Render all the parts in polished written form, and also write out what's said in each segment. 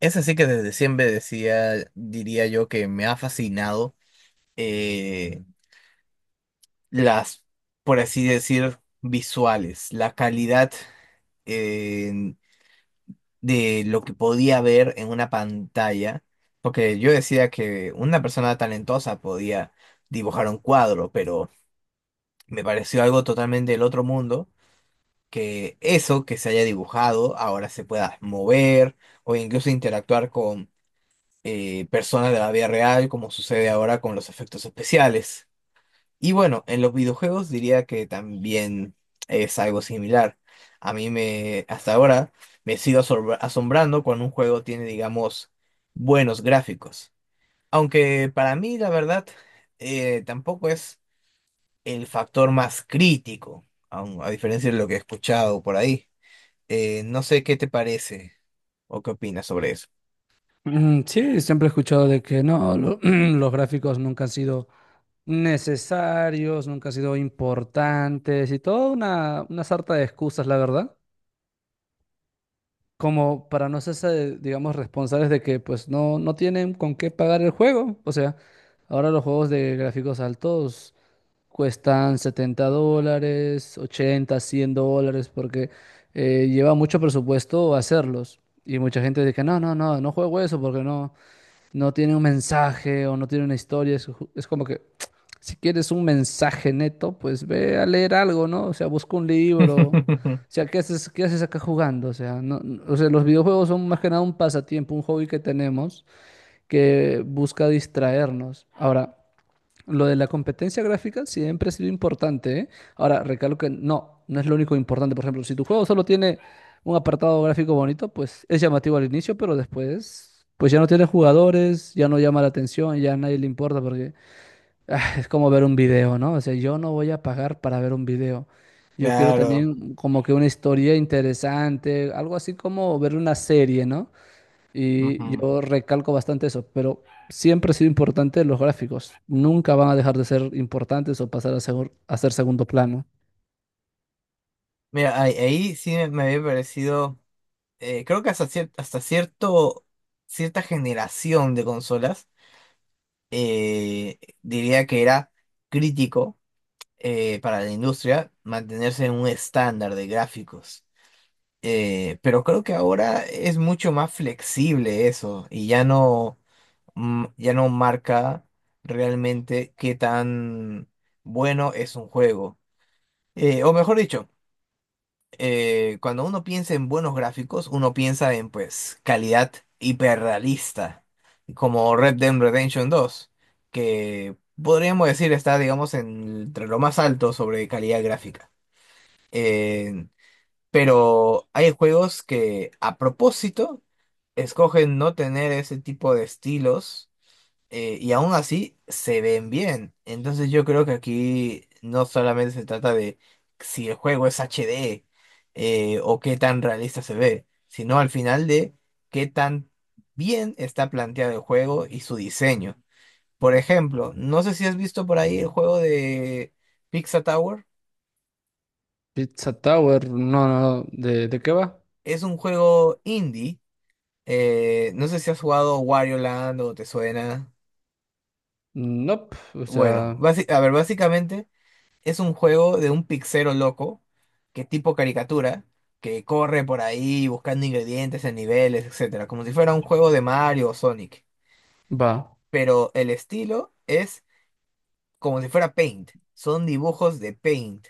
Es así que desde siempre decía, diría yo que me ha fascinado eh, las, por así decir, visuales, la calidad eh, de lo que podía ver en una pantalla, porque yo decía que una persona talentosa podía dibujar un cuadro, pero me pareció algo totalmente del otro mundo, que eso que se haya dibujado ahora se pueda mover o incluso interactuar personas de la vida real, como sucede ahora con los efectos especiales. Y bueno, en los videojuegos diría que también es algo similar. Hasta ahora, me sigo asombrando cuando un juego tiene, digamos, buenos gráficos. Aunque para mí, la verdad, tampoco es el factor más crítico, a diferencia de lo que he escuchado por ahí. No sé qué te parece o qué opinas sobre eso. Sí, siempre he escuchado de que no, los gráficos nunca han sido necesarios, nunca han sido importantes y toda una sarta de excusas, la verdad, como para no ser, digamos, responsables de que pues no tienen con qué pagar el juego. O sea, ahora los juegos de gráficos altos cuestan $70, 80, $100, porque lleva mucho presupuesto hacerlos. Y mucha gente dice, no, no, no, no juego eso porque no tiene un mensaje o no tiene una historia. Es como que si quieres un mensaje neto, pues ve a leer algo, ¿no? O sea, busca un libro. O sea, ¿qué haces acá jugando? O sea, o sea, los videojuegos son más que nada un pasatiempo, un hobby que tenemos que busca distraernos. Ahora, lo de la competencia gráfica siempre ha sido importante, ¿eh? Ahora, recalco que no es lo único importante. Por ejemplo, si tu juego solo tiene un apartado gráfico bonito, pues es llamativo al inicio, pero después, pues ya no tiene jugadores, ya no llama la atención, ya a nadie le importa porque es como ver un video, ¿no? O sea, yo no voy a pagar para ver un video. Yo quiero Claro. también como que una historia interesante, algo así como ver una serie, ¿no? Y Ujú. yo recalco bastante eso, pero siempre ha sido importante los gráficos. Nunca van a dejar de ser importantes o pasar a, a ser segundo plano. Mira, ahí sí me había parecido, creo que hasta cierto, cierta generación de consolas, diría que era crítico para la industria mantenerse en un estándar de gráficos. Pero creo que ahora es mucho más flexible eso y ya no marca realmente qué tan bueno es un juego. O mejor dicho, cuando uno piensa en buenos gráficos, uno piensa en pues calidad hiperrealista, como Red Dead Redemption dos, que podríamos decir está, digamos, entre lo más alto sobre calidad gráfica. Eh, pero hay juegos que a propósito escogen no tener ese tipo de estilos y aún así se ven bien. Entonces yo creo que aquí no solamente se trata de si el juego es HD, o qué tan realista se ve, sino al final de qué tan bien está planteado el juego y su diseño. Por ejemplo, no sé si has visto por ahí el juego de Pizza Tower. Pizza Tower, no, no, no. ¿De qué va? Es un juego indie. No sé si has jugado Wario Land o te suena. Nope, o Bueno, sea, a ver, básicamente es un juego de un pixero loco, que tipo caricatura, que corre por ahí buscando ingredientes en niveles, etcétera, como si fuera un juego de Mario o Sonic. va, Pero el estilo es como si fuera Paint. Son dibujos de Paint.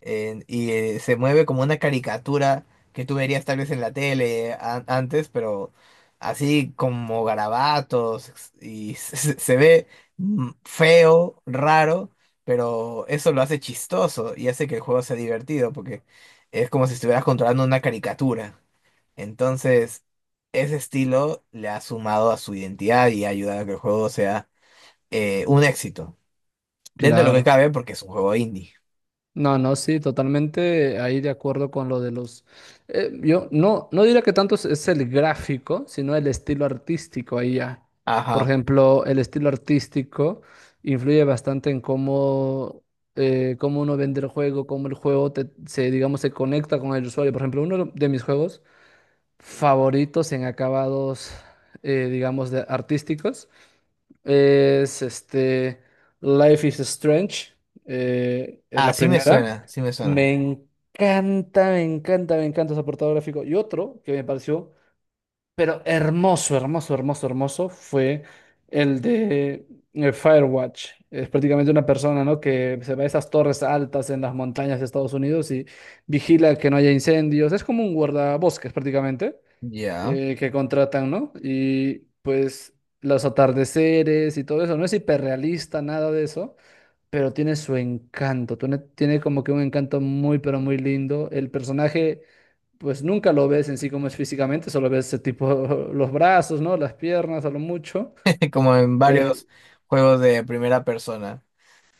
Se mueve como una caricatura que tú verías tal vez en la tele antes, pero así como garabatos y se ve feo, raro, pero eso lo hace chistoso y hace que el juego sea divertido porque es como si estuvieras controlando una caricatura. Entonces, ese estilo le ha sumado a su identidad y ha ayudado a que el juego sea, un éxito. Dentro de lo que claro. cabe, porque es un juego indie. No, no, sí, totalmente ahí de acuerdo con lo de los... yo no diría que tanto es el gráfico, sino el estilo artístico ahí ya. Por Ajá. ejemplo, el estilo artístico influye bastante en cómo uno vende el juego, cómo el juego se, digamos, se conecta con el usuario. Por ejemplo, uno de mis juegos favoritos en acabados, digamos, de artísticos es este Life is Strange, es Ah, la sí me primera. suena, sí me suena. Me encanta, me encanta, me encanta ese apartado gráfico. Y otro que me pareció, pero hermoso, hermoso, hermoso, hermoso, fue el de Firewatch. Es prácticamente una persona, ¿no? Que se va a esas torres altas en las montañas de Estados Unidos y vigila que no haya incendios. Es como un guardabosques prácticamente Ya. Que contratan, ¿no? Y pues los atardeceres y todo eso. No es hiperrealista, nada de eso, pero tiene su encanto, tiene como que un encanto muy, pero muy lindo. El personaje, pues nunca lo ves en sí como es físicamente, solo ves ese tipo los brazos, ¿no? Las piernas a lo mucho. Como en Eh, varios juegos de primera persona.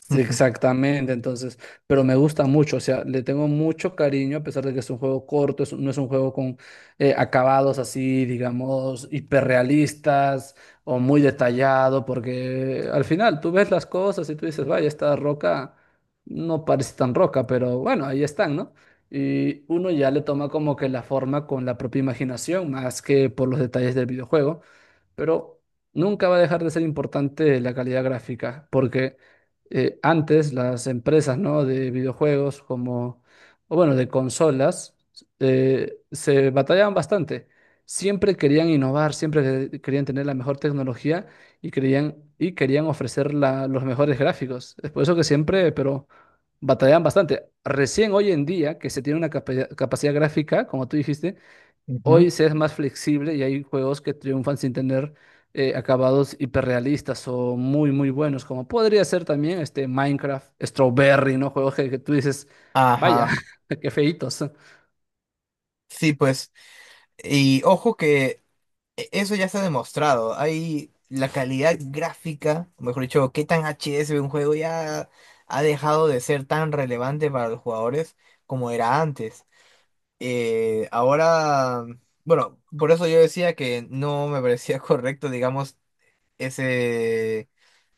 Exactamente, entonces, pero me gusta mucho, o sea, le tengo mucho cariño a pesar de que es un juego corto, no es un juego con acabados así, digamos, hiperrealistas o muy detallado, porque al final tú ves las cosas y tú dices, vaya, esta roca no parece tan roca, pero bueno, ahí están, ¿no? Y uno ya le toma como que la forma con la propia imaginación, más que por los detalles del videojuego, pero nunca va a dejar de ser importante la calidad gráfica, porque antes las empresas, ¿no? de videojuegos como, o bueno, de consolas, se batallaban bastante. Siempre querían innovar, siempre querían tener la mejor tecnología y querían ofrecer los mejores gráficos. Es por eso que siempre, pero batallaban bastante. Recién hoy en día, que se tiene una capacidad gráfica, como tú dijiste, Ujú. hoy se es más flexible y hay juegos que triunfan sin tener acabados hiperrealistas o muy, muy buenos, como podría ser también este Minecraft, Strawberry, ¿no? Juegos que tú dices, vaya, Ajá. qué feitos. Sí, pues. Y ojo que eso ya se ha demostrado. Hay la calidad gráfica, o mejor dicho, qué tan HD se ve un juego ya ha dejado de ser tan relevante para los jugadores como era antes. Ahora, bueno, por eso yo decía que no me parecía correcto, digamos ese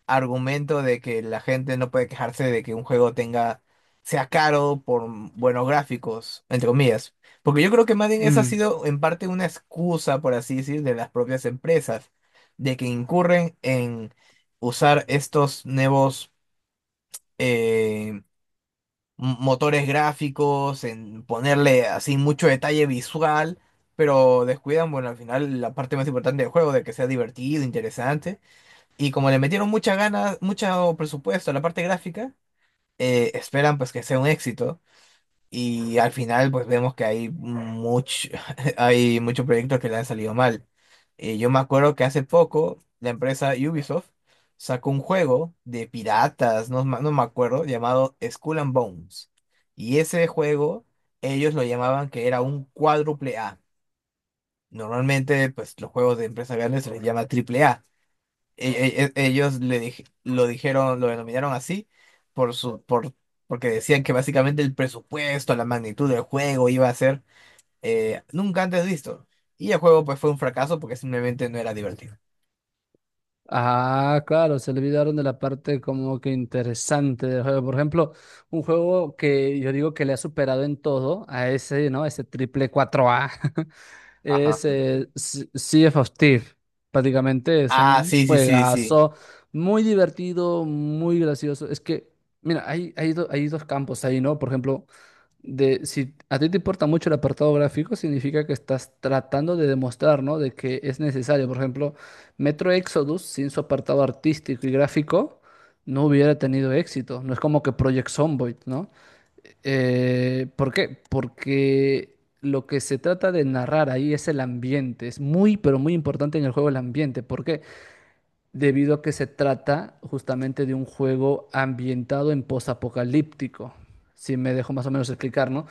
argumento de que la gente no puede quejarse de que un juego sea caro por buenos gráficos, entre comillas. Porque yo creo que más bien esa ha Mm. sido en parte una excusa, por así decir, de las propias empresas, de que incurren en usar estos nuevos eh, motores gráficos, en ponerle así mucho detalle visual. Pero descuidan, bueno, al final la parte más importante del juego, de que sea divertido, interesante. Y como le metieron muchas ganas, mucho presupuesto a la parte gráfica, esperan pues que sea un éxito. Y al final pues vemos que hay muchos proyectos que le han salido mal. Yo me acuerdo que hace poco la empresa Ubisoft sacó un juego de piratas, no me acuerdo, llamado Skull and Bones. Y ese juego ellos lo llamaban que era un cuádruple A. Normalmente pues los juegos de empresas grandes se les llama triple A. Ellos lo dijeron, lo denominaron así por su, por, porque decían que básicamente el presupuesto, la magnitud del juego iba a ser, nunca antes visto. Y el juego pues fue un fracaso porque simplemente no era divertido. Ah, claro, se olvidaron de la parte como que interesante del juego. Por ejemplo, un juego que yo digo que le ha superado en todo a ese, ¿no? Ese triple 4A. Ajá. Es Sea of Thieves. Prácticamente es Ah, un sí, sí, sí, sí. juegazo muy divertido, muy gracioso. Es que, mira, hay dos campos ahí, ¿no? Por ejemplo, de, si a ti te importa mucho el apartado gráfico, significa que estás tratando de demostrar, ¿no? De que es necesario. Por ejemplo, Metro Exodus, sin su apartado artístico y gráfico, no hubiera tenido éxito. No es como que Project Zomboid, ¿no? ¿Por qué? Porque lo que se trata de narrar ahí es el ambiente. Es muy, pero muy importante en el juego el ambiente. ¿Por qué? Debido a que se trata justamente de un juego ambientado en posapocalíptico, si me dejo más o menos explicar, ¿no?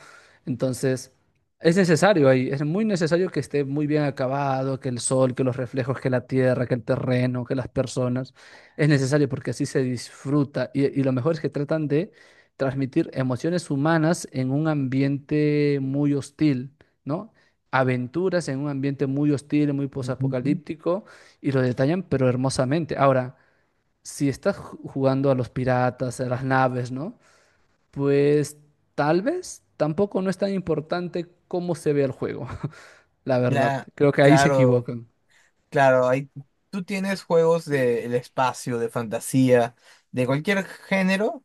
Entonces, es necesario ahí, es muy necesario que esté muy bien acabado, que el sol, que los reflejos, que la tierra, que el terreno, que las personas, es necesario porque así se disfruta y lo mejor es que tratan de transmitir emociones humanas en un ambiente muy hostil, ¿no? Aventuras en un ambiente muy hostil, muy Ujú. posapocalíptico, y lo detallan, pero hermosamente. Ahora, si estás jugando a los piratas, a las naves, ¿no? Pues tal vez tampoco no es tan importante cómo se ve el juego, la verdad. La, Creo que ahí se claro, equivocan. claro, hay, tú tienes juegos del espacio, de fantasía, de cualquier género,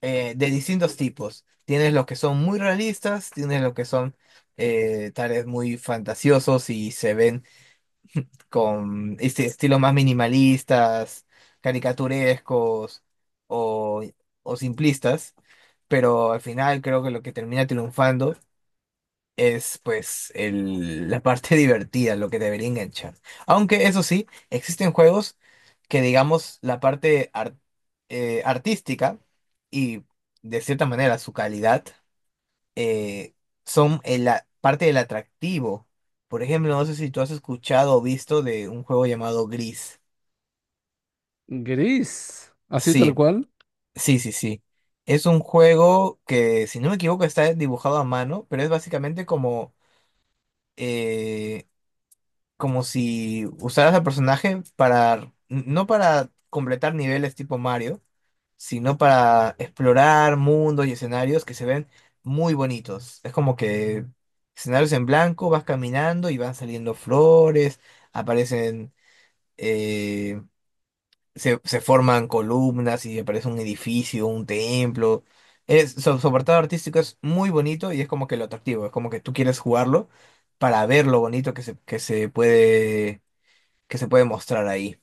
de distintos tipos. Tienes los que son muy realistas, tienes los que son tales muy fantasiosos y se ven con este estilos más minimalistas, caricaturescos o, o simplistas, pero al final creo que lo que termina triunfando es pues la parte divertida, lo que debería enganchar. Aunque eso sí, existen juegos que digamos la parte artística y de cierta manera su calidad, eh, son en la parte del atractivo. Por ejemplo, no sé si tú has escuchado o visto de un juego llamado Gris. Gris, así tal Sí, cual. sí, sí, sí. Es un juego que, si no me equivoco, está dibujado a mano, pero es básicamente como eh, como si usaras al personaje para, no para completar niveles tipo Mario, sino para explorar mundos y escenarios que se ven muy bonitos. Es como que escenarios en blanco, vas caminando y van saliendo flores, aparecen, eh, se forman columnas y aparece un edificio, un templo. Su apartado artístico es muy bonito y es como que lo atractivo, es como que tú quieres jugarlo para ver lo bonito que se puede mostrar ahí.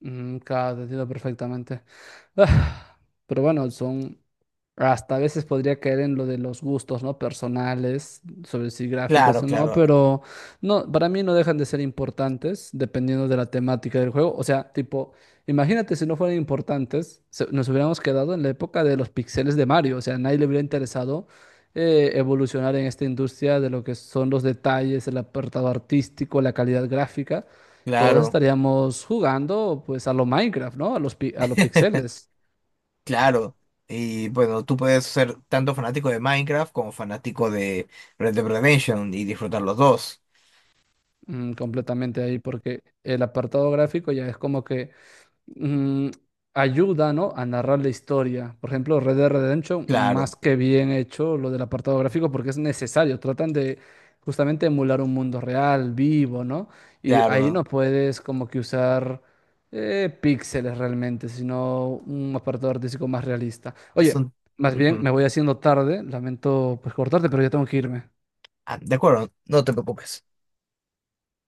Mm, claro, te entiendo perfectamente. Ah, pero bueno, son, hasta a veces podría caer en lo de los gustos, ¿no? Personales, sobre si gráficos Claro, o no, claro, pero no, para mí no dejan de ser importantes dependiendo de la temática del juego. O sea, tipo, imagínate si no fueran importantes, nos hubiéramos quedado en la época de los pixeles de Mario. O sea, a nadie le hubiera interesado evolucionar en esta industria de lo que son los detalles, el apartado artístico, la calidad gráfica. Todos claro, estaríamos jugando, pues, a lo Minecraft, ¿no? A los pixeles. claro. Y bueno, tú puedes ser tanto fanático de Minecraft como fanático de Red Dead Redemption y disfrutar los dos. Completamente ahí, porque el apartado gráfico ya es como que mm, ayuda, ¿no? A narrar la historia. Por ejemplo, Red Dead Redemption, Claro, más que bien hecho lo del apartado gráfico, porque es necesario. Tratan de justamente emular un mundo real, vivo, ¿no? Y ahí claro. no puedes como que usar píxeles realmente, sino un apartado artístico más realista. Es Oye, un... más bien Ujú. me voy haciendo tarde, lamento pues cortarte, pero ya tengo que irme. Ah, de acuerdo, no te preocupes.